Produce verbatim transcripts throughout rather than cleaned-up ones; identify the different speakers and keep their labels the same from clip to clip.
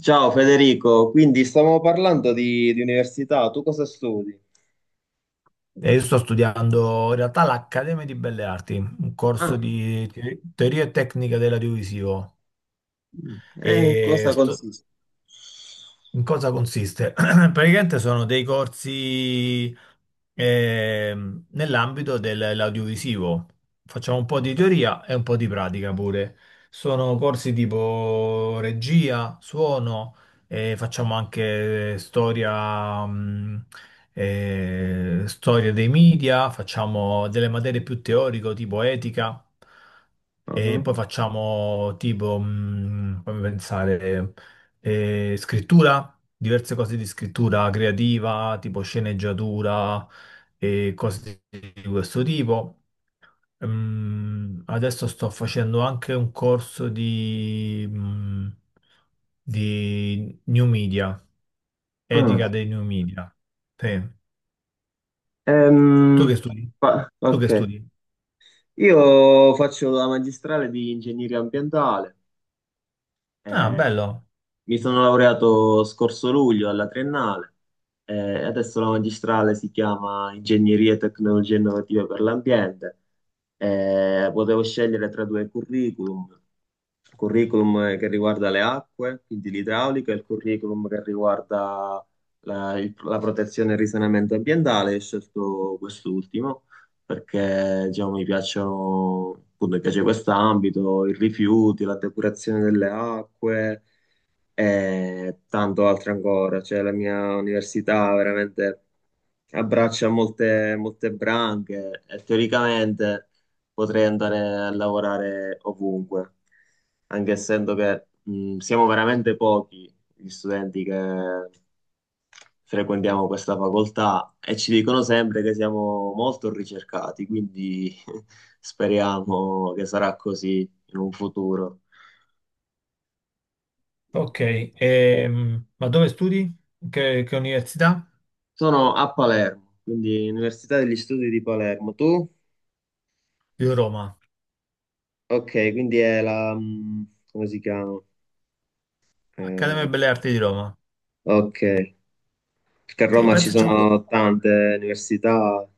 Speaker 1: Ciao Federico, quindi stavamo parlando di, di università, tu cosa studi?
Speaker 2: E io sto studiando in realtà l'Accademia di Belle Arti, un corso
Speaker 1: Ah,
Speaker 2: di te- teoria e tecnica dell'audiovisivo.
Speaker 1: mm, eh, in
Speaker 2: E
Speaker 1: cosa
Speaker 2: sto,
Speaker 1: consiste?
Speaker 2: in cosa consiste? Praticamente sono dei corsi ehm, nell'ambito dell'audiovisivo. Facciamo un po' di teoria e un po' di pratica pure. Sono corsi tipo regia, suono, e facciamo anche storia, mh, eh, storia dei media, facciamo delle materie più teoriche tipo etica. E
Speaker 1: Ah,
Speaker 2: poi facciamo tipo, mh, fammi pensare, e scrittura, diverse cose di scrittura creativa, tipo sceneggiatura e cose di questo tipo. Ehm, adesso sto facendo anche un corso di, mm, di new media, etica
Speaker 1: ah.
Speaker 2: dei new media. Sì. Tu che
Speaker 1: Ehm,
Speaker 2: studi?
Speaker 1: fa-
Speaker 2: Tu
Speaker 1: ok,
Speaker 2: che studi?
Speaker 1: io faccio la magistrale di ingegneria ambientale.
Speaker 2: Ah,
Speaker 1: Eh,
Speaker 2: bello.
Speaker 1: Mi sono laureato scorso luglio alla triennale, eh, e adesso la magistrale si chiama Ingegneria e Tecnologie Innovative per l'Ambiente. Eh, potevo scegliere tra due curriculum, il curriculum che riguarda le acque, quindi l'idraulica, e il curriculum che riguarda la, il- la protezione e il risanamento ambientale. Ho scelto quest'ultimo perché, diciamo, mi piacciono, appunto, mi piace questo ambito, i rifiuti, la depurazione delle acque e tanto altro ancora. Cioè, la mia università veramente abbraccia molte, molte branche e teoricamente potrei andare a lavorare ovunque, anche essendo che, mh, siamo veramente pochi gli studenti che frequentiamo questa facoltà e ci dicono sempre che siamo molto ricercati, quindi speriamo che sarà così in un futuro.
Speaker 2: Ok. Ehm, ma dove studi? Che, che università?
Speaker 1: Sono a Palermo, quindi Università degli Studi di Palermo. Tu?
Speaker 2: Io Roma.
Speaker 1: Ok, quindi è la, mm, come si chiama?
Speaker 2: Accademia
Speaker 1: Eh,
Speaker 2: Belle Arti di Roma.
Speaker 1: ok, perché a
Speaker 2: Sì,
Speaker 1: Roma ci
Speaker 2: penso c'è.
Speaker 1: sono tante università.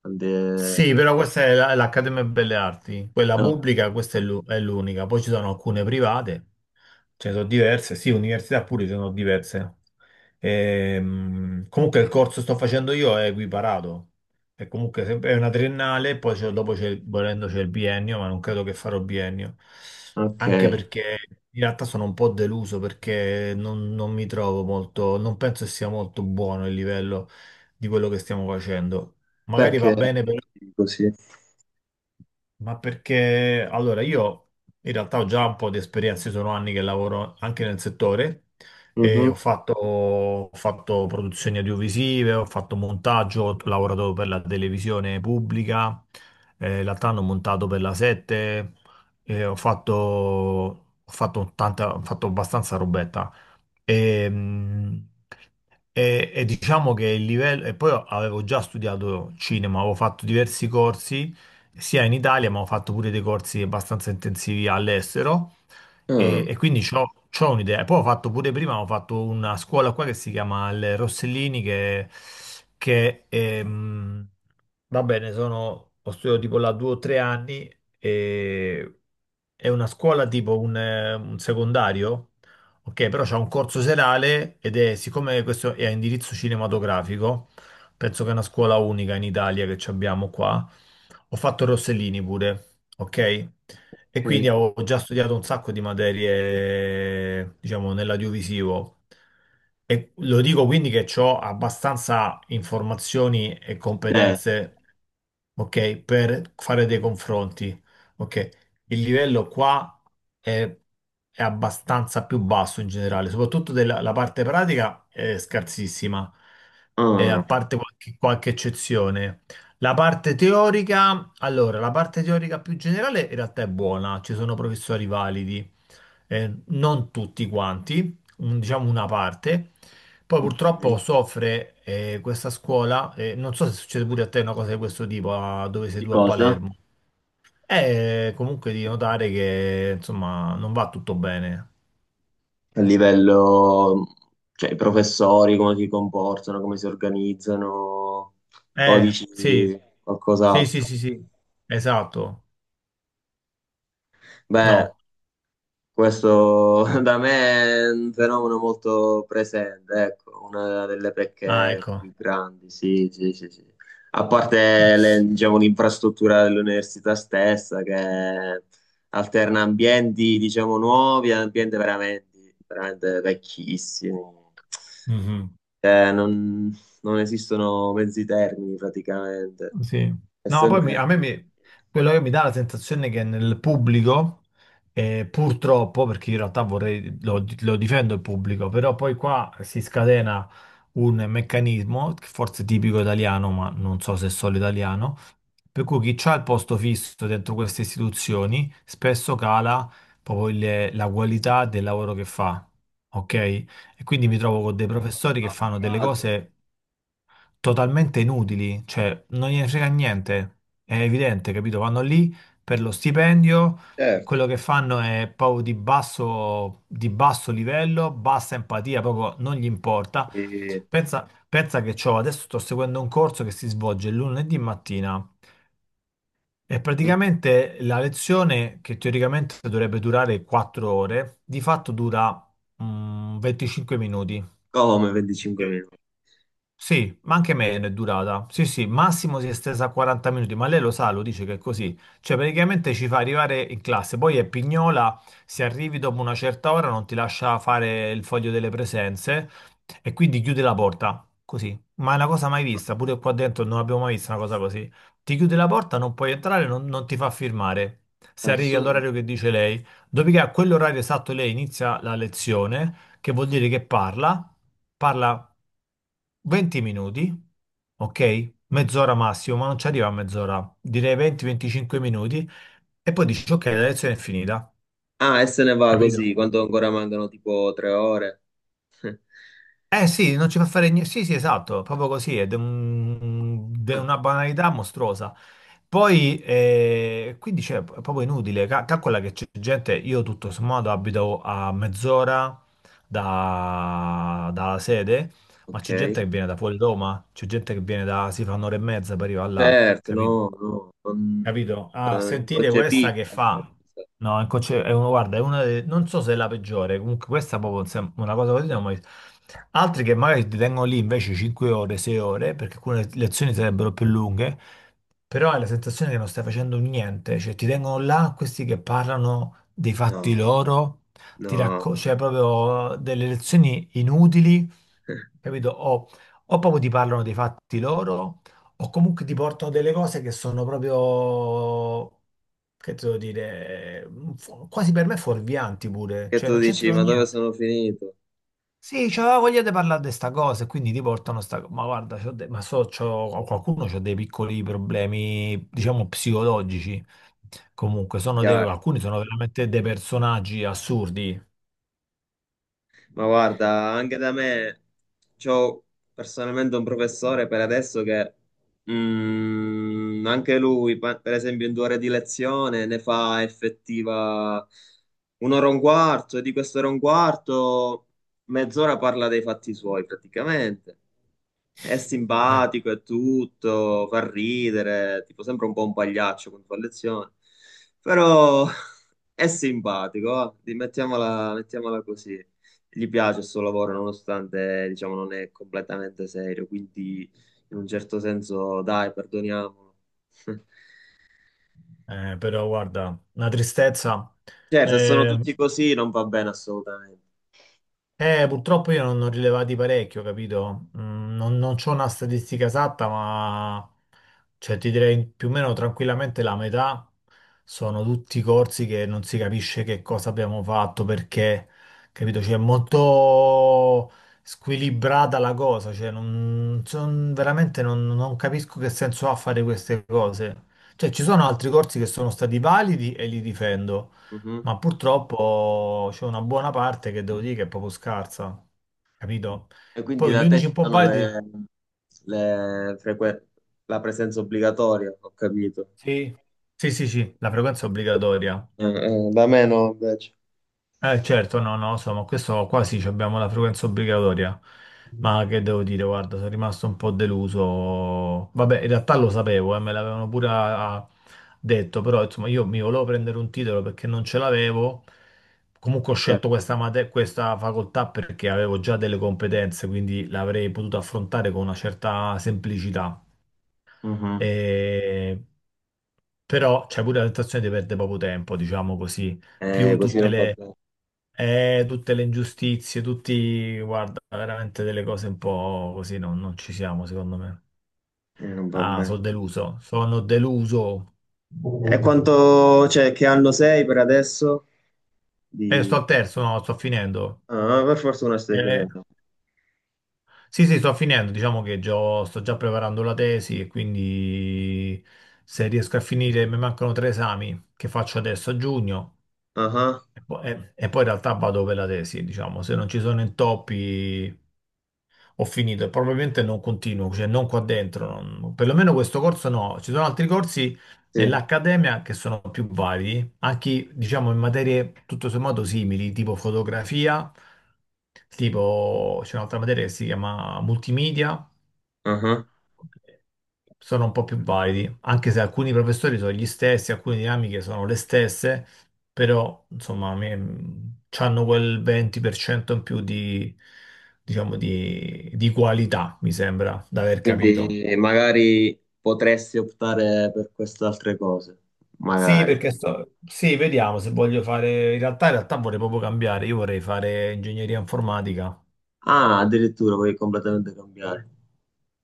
Speaker 1: tante-
Speaker 2: Sì, però questa è la- l'Accademia Belle Arti, quella
Speaker 1: no,
Speaker 2: pubblica, questa è l'u- è l'unica. Poi ci sono alcune private, ce ne sono diverse, sì, università pure ce ne sono diverse. Ehm, comunque il corso che sto facendo io è equiparato, è comunque se- è una triennale, poi c'è- dopo c'è, il- volendo c'è il biennio, ma non credo che farò biennio,
Speaker 1: ok,
Speaker 2: anche perché in realtà sono un po' deluso perché non, non mi trovo molto, non penso che sia molto buono il livello di quello che stiamo facendo. Magari va
Speaker 1: perché
Speaker 2: bene,
Speaker 1: così?
Speaker 2: ma perché allora io in realtà ho già un po' di esperienza, io sono anni che lavoro anche nel settore e ho
Speaker 1: Mhm.
Speaker 2: fatto, ho fatto produzioni audiovisive, ho fatto montaggio, ho lavorato per la televisione pubblica, eh, in realtà hanno montato per la sette, eh, ho fatto, ho fatto tanta, ho fatto abbastanza robetta. E, mm, e- e diciamo che il livello, e poi avevo già studiato cinema, avevo fatto diversi corsi sia in Italia, ma ho fatto pure dei corsi abbastanza intensivi all'estero e,
Speaker 1: Ah,
Speaker 2: e quindi c'ho, c'ho un'idea. E poi ho fatto pure prima, ho fatto una scuola qua che si chiama il Rossellini, che, che ehm, va bene, sono, ho studiato tipo là due o tre anni e è una scuola tipo un, eh, un secondario. Ok, però c'è un corso serale ed è, siccome questo è a indirizzo cinematografico, penso che è una scuola unica in Italia che ci abbiamo qua. Ho fatto Rossellini pure, ok? E
Speaker 1: ok.
Speaker 2: quindi avevo già studiato un sacco di materie, diciamo, nell'audiovisivo. E lo dico quindi che ho abbastanza informazioni e
Speaker 1: Cioè,
Speaker 2: competenze, ok, per fare dei confronti, ok? Il livello qua è, è abbastanza più basso in generale, soprattutto della la parte pratica è scarsissima, eh, a
Speaker 1: ah,
Speaker 2: parte qualche, qualche eccezione. La parte teorica, allora, la parte teorica più generale in realtà è buona, ci sono professori validi, eh, non tutti quanti, un- diciamo una parte. Poi purtroppo
Speaker 1: ok.
Speaker 2: soffre, eh, questa scuola, eh, non so se succede pure a te una cosa di questo tipo, a- dove sei
Speaker 1: Di
Speaker 2: tu a
Speaker 1: cosa?
Speaker 2: Palermo. È comunque di notare che insomma non va tutto bene.
Speaker 1: A livello, cioè, i professori, come si comportano, come si organizzano, o
Speaker 2: Eh,
Speaker 1: dici
Speaker 2: sì, sì, sì,
Speaker 1: qualcos'altro?
Speaker 2: sì, sì, esatto.
Speaker 1: Beh,
Speaker 2: No,
Speaker 1: questo da me è un fenomeno molto presente, ecco, una delle
Speaker 2: ah,
Speaker 1: pecche
Speaker 2: ecco.
Speaker 1: più grandi, sì, sì, sì, sì. A parte le- diciamo, l'infrastruttura dell'università stessa che alterna ambienti, diciamo, nuovi e ambienti veramente, veramente vecchissimi.
Speaker 2: Mhm.
Speaker 1: Eh, non, non esistono mezzi termini praticamente.
Speaker 2: Sì.
Speaker 1: È
Speaker 2: No, poi mi- a
Speaker 1: sempre.
Speaker 2: me mi- quello che mi dà la sensazione è che nel pubblico, eh, purtroppo, perché in realtà vorrei, lo, lo difendo il pubblico, però poi qua si scatena un meccanismo, che forse è tipico italiano, ma non so se è solo italiano, per cui chi c'ha il posto fisso dentro queste istituzioni spesso cala proprio il- la qualità del lavoro che fa, ok? E quindi mi trovo con dei professori che fanno delle
Speaker 1: Appagato.
Speaker 2: cose totalmente inutili, cioè non gliene frega niente, è evidente, capito? Vanno lì per lo stipendio,
Speaker 1: Certo.
Speaker 2: quello che fanno è proprio di basso, di basso livello, bassa empatia, proprio non gli importa.
Speaker 1: Eh,
Speaker 2: Pensa, pensa che c'ho, adesso sto seguendo un corso che si svolge lunedì mattina e praticamente la lezione che teoricamente dovrebbe durare quattro ore, di fatto dura mm, venticinque minuti.
Speaker 1: Come venticinque
Speaker 2: Ok.
Speaker 1: minuti?
Speaker 2: Sì, ma anche meno è durata. Sì, sì, massimo si è estesa a quaranta minuti, ma lei lo sa, lo dice che è così. Cioè, praticamente ci fa arrivare in classe, poi è pignola, se arrivi dopo una certa ora non ti lascia fare il foglio delle presenze e quindi chiude la porta, così. Ma è una cosa mai vista, pure qua dentro non abbiamo mai visto una cosa così. Ti chiude la porta, non puoi entrare, non, non ti fa firmare. Se arrivi
Speaker 1: Assurdo.
Speaker 2: all'orario che dice lei, dopodiché a quell'orario esatto lei inizia la lezione, che vuol dire che parla, parla venti minuti, ok? Mezz'ora massimo, ma non ci arriva a mezz'ora, direi venti a venticinque minuti, e poi dici, ok, la lezione è finita,
Speaker 1: Ah, e se ne va
Speaker 2: capito?
Speaker 1: così, quanto ancora mancano tipo tre ore?
Speaker 2: Eh sì, non ci fa fare niente, sì sì esatto, proprio così, ed è de- un- de-
Speaker 1: Ah,
Speaker 2: una banalità mostruosa. Poi, eh, quindi cioè, è proprio inutile. Ca- calcola che c'è gente, io tutto sommato abito a mezz'ora da- dalla sede, ma
Speaker 1: ok.
Speaker 2: c'è gente che viene da fuori Roma, c'è gente che viene da, si fa un'ora e mezza per arrivare là,
Speaker 1: Certo, no, no, non,
Speaker 2: capito? Ah,
Speaker 1: eh,
Speaker 2: sentite questa
Speaker 1: inconcepibile.
Speaker 2: che fa. No, è conce- è uno, guarda, è una de- non so se è la peggiore, comunque questa è proprio un sem- una cosa così. Non ho mai- Altri che magari ti tengono lì invece cinque ore, sei ore, perché alcune lezioni sarebbero più lunghe, però hai la sensazione che non stai facendo niente, cioè ti tengono là questi che parlano dei fatti
Speaker 1: No,
Speaker 2: loro, ti racco-
Speaker 1: no.
Speaker 2: cioè proprio delle lezioni inutili, capito? O, o proprio ti parlano dei fatti loro o comunque ti porto delle cose che sono proprio, che devo dire, fu- quasi per me fuorvianti pure,
Speaker 1: Che
Speaker 2: cioè
Speaker 1: tu
Speaker 2: non
Speaker 1: dici,
Speaker 2: c'entrano
Speaker 1: ma dove
Speaker 2: niente.
Speaker 1: sono finito?
Speaker 2: Sì, c'aveva voglia di parlare di sta cosa e quindi ti portano sta cosa. Ma guarda, c'ho de- ma so, c'ho- qualcuno ha dei piccoli problemi, diciamo, psicologici. Comunque,
Speaker 1: È
Speaker 2: sono dei-
Speaker 1: chiaro.
Speaker 2: alcuni sono veramente dei personaggi assurdi.
Speaker 1: Ma guarda, anche da me c'ho personalmente un professore per adesso che, mm, anche lui, pa- per esempio, in due ore di lezione ne fa effettiva un'ora e un quarto, e di quest'ora e un quarto mezz'ora parla dei fatti suoi praticamente. È
Speaker 2: Eh.
Speaker 1: simpatico e tutto, fa ridere, tipo sembra un po' un pagliaccio quando fa lezione, però è simpatico, va, di- mettiamola mettiamola così, gli piace il suo lavoro nonostante, diciamo, non è completamente serio, quindi in un certo senso, dai, perdoniamolo.
Speaker 2: Eh, però guarda, una tristezza.
Speaker 1: Certo, se sono
Speaker 2: Eh,
Speaker 1: tutti così non va bene assolutamente.
Speaker 2: Eh, purtroppo io non ne ho rilevati parecchio, capito? Mm, non non c'ho una statistica esatta, ma cioè, ti direi più o meno tranquillamente la metà sono tutti corsi che non si capisce che cosa abbiamo fatto, perché, capito? Cioè, è molto squilibrata la cosa, cioè, non, son- veramente non, non capisco che senso ha fare queste cose. Cioè, ci sono altri corsi che sono stati validi e li difendo.
Speaker 1: Mhm.
Speaker 2: Ma purtroppo c'è una buona parte che devo dire che è proprio scarsa, capito?
Speaker 1: E quindi
Speaker 2: Poi gli
Speaker 1: da te
Speaker 2: unici un
Speaker 1: ci
Speaker 2: po'
Speaker 1: sono
Speaker 2: validi.
Speaker 1: le, le frequen- la presenza obbligatoria, ho capito.
Speaker 2: Sì, sì, sì, sì, la frequenza è obbligatoria.
Speaker 1: Eh, eh, Da me no, invece.
Speaker 2: Eh, certo, no, no, insomma, questo qua sì, ci abbiamo la frequenza obbligatoria, ma che devo dire, guarda, sono rimasto un po' deluso. Vabbè, in realtà lo sapevo, eh, me l'avevano pure ah, detto, però insomma io mi volevo prendere un titolo perché non ce l'avevo. Comunque ho
Speaker 1: Certo.
Speaker 2: scelto questa, mate- questa facoltà perché avevo già delle competenze, quindi l'avrei potuto affrontare con una certa semplicità.
Speaker 1: Mhm.
Speaker 2: E... Però c'è pure la tentazione di perdere poco tempo, diciamo così,
Speaker 1: Eh,
Speaker 2: più
Speaker 1: così
Speaker 2: tutte
Speaker 1: non va
Speaker 2: le,
Speaker 1: bene.
Speaker 2: eh, tutte le ingiustizie, tutti, guarda, veramente delle cose un po' così, no, non ci siamo, secondo me.
Speaker 1: Eh, non va
Speaker 2: Ah,
Speaker 1: bene.
Speaker 2: sono deluso, sono deluso.
Speaker 1: E quanto, cioè, che anno sei per adesso?
Speaker 2: Eh, sto
Speaker 1: Di...
Speaker 2: al terzo, no, sto finendo.
Speaker 1: Ah, per fortuna stai
Speaker 2: Eh,
Speaker 1: finendo.
Speaker 2: sì, sì, sto finendo, diciamo che già- sto già preparando la tesi e quindi se riesco a finire, mi mancano tre esami che faccio adesso a giugno
Speaker 1: Ah,
Speaker 2: e poi, e- e poi in realtà vado per la tesi, diciamo, se non ci sono intoppi... ho finito e probabilmente non continuo, cioè non qua dentro, non- perlomeno questo corso no. Ci sono altri corsi
Speaker 1: sì.
Speaker 2: nell'accademia che sono più vari, anche diciamo in materie tutto sommato simili, tipo fotografia, tipo c'è un'altra materia che si chiama multimedia,
Speaker 1: Ah.
Speaker 2: sono un po' più validi, anche se alcuni professori sono gli stessi, alcune dinamiche sono le stesse, però insomma a me, hanno quel venti per cento in più di, diciamo, di, di qualità, mi sembra, da aver
Speaker 1: Quindi,
Speaker 2: capito.
Speaker 1: eh, magari potresti optare per queste altre cose.
Speaker 2: Sì,
Speaker 1: Magari.
Speaker 2: perché sto... Sì, vediamo se voglio fare... In realtà, in realtà vorrei proprio cambiare, io vorrei fare ingegneria informatica.
Speaker 1: Ah, addirittura puoi completamente cambiare.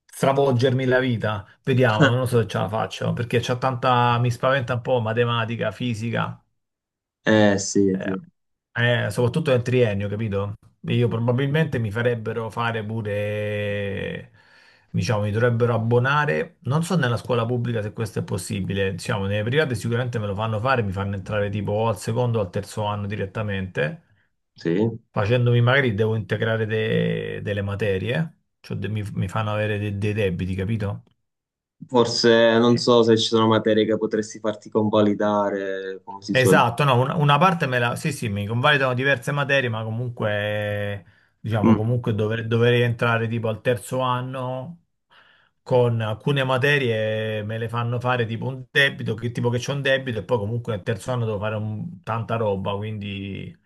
Speaker 2: Stravolgermi la vita, vediamo, non so se ce la faccio, perché c'ho tanta, mi spaventa un po' matematica, fisica.
Speaker 1: Eh, sì,
Speaker 2: Eh,
Speaker 1: sì.
Speaker 2: eh, Soprattutto nel triennio, capito? Io probabilmente mi farebbero fare pure, diciamo, mi dovrebbero abbonare, non so nella scuola pubblica se questo è possibile, diciamo, nelle private sicuramente me lo fanno fare, mi fanno entrare tipo o al secondo o al terzo anno direttamente,
Speaker 1: Sì.
Speaker 2: facendomi magari devo integrare de- delle materie, cioè de- mi, mi fanno avere de- dei debiti, capito?
Speaker 1: Forse non so se ci sono materie che potresti farti convalidare, come si suol dire.
Speaker 2: Esatto, no, un- una parte me la... Sì, sì, mi convalidano diverse materie, ma comunque, diciamo,
Speaker 1: Mm,
Speaker 2: comunque dover- dovrei entrare tipo al terzo anno, con alcune materie me le fanno fare tipo un debito, che tipo che c'è un debito e poi comunque al terzo anno devo fare un- tanta roba, quindi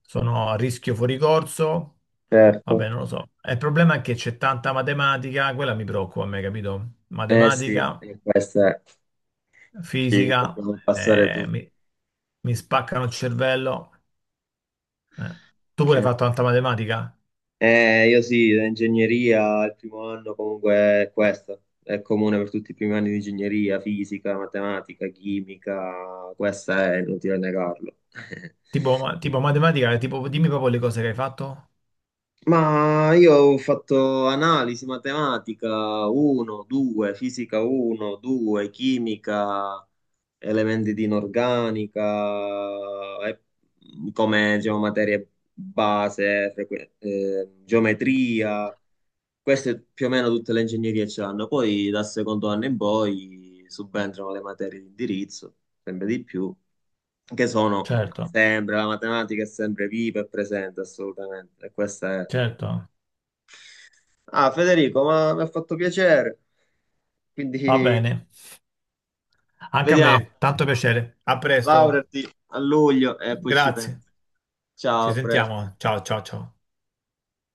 Speaker 2: sono a rischio fuori corso,
Speaker 1: certo.
Speaker 2: vabbè, non lo so. E il problema è che c'è tanta matematica, quella mi preoccupa a me, capito?
Speaker 1: Eh sì,
Speaker 2: Matematica,
Speaker 1: e questa ci
Speaker 2: fisica,
Speaker 1: dobbiamo passare
Speaker 2: eh,
Speaker 1: tutti.
Speaker 2: mi mi spaccano il cervello. Eh. Tu pure hai
Speaker 1: Eh.
Speaker 2: fatto tanta matematica?
Speaker 1: Eh, io sì, ingegneria, il primo anno comunque è questo, è comune per tutti i primi anni di ingegneria, fisica, matematica, chimica, questa è inutile negarlo.
Speaker 2: Tipo, ma- tipo matematica, tipo, dimmi proprio le cose che hai fatto.
Speaker 1: Ma io ho fatto analisi, matematica uno, due, fisica uno, due, chimica, elementi di inorganica, e come diciamo, materie base, frequ- eh, geometria. Queste più o meno tutte le ingegnerie ce l'hanno, poi dal secondo anno in poi subentrano le materie di indirizzo, sempre di più, che sono
Speaker 2: Certo,
Speaker 1: sempre, la matematica è sempre viva e presente assolutamente. E questa è...
Speaker 2: certo.
Speaker 1: Ah, Federico, ma mi ha fatto piacere,
Speaker 2: Va
Speaker 1: quindi
Speaker 2: bene. Anche a
Speaker 1: vediamo,
Speaker 2: me, tanto piacere. A presto.
Speaker 1: laureati a luglio e poi ci
Speaker 2: Grazie.
Speaker 1: penso. Ciao,
Speaker 2: Ci
Speaker 1: a presto.
Speaker 2: sentiamo. Ciao, ciao, ciao.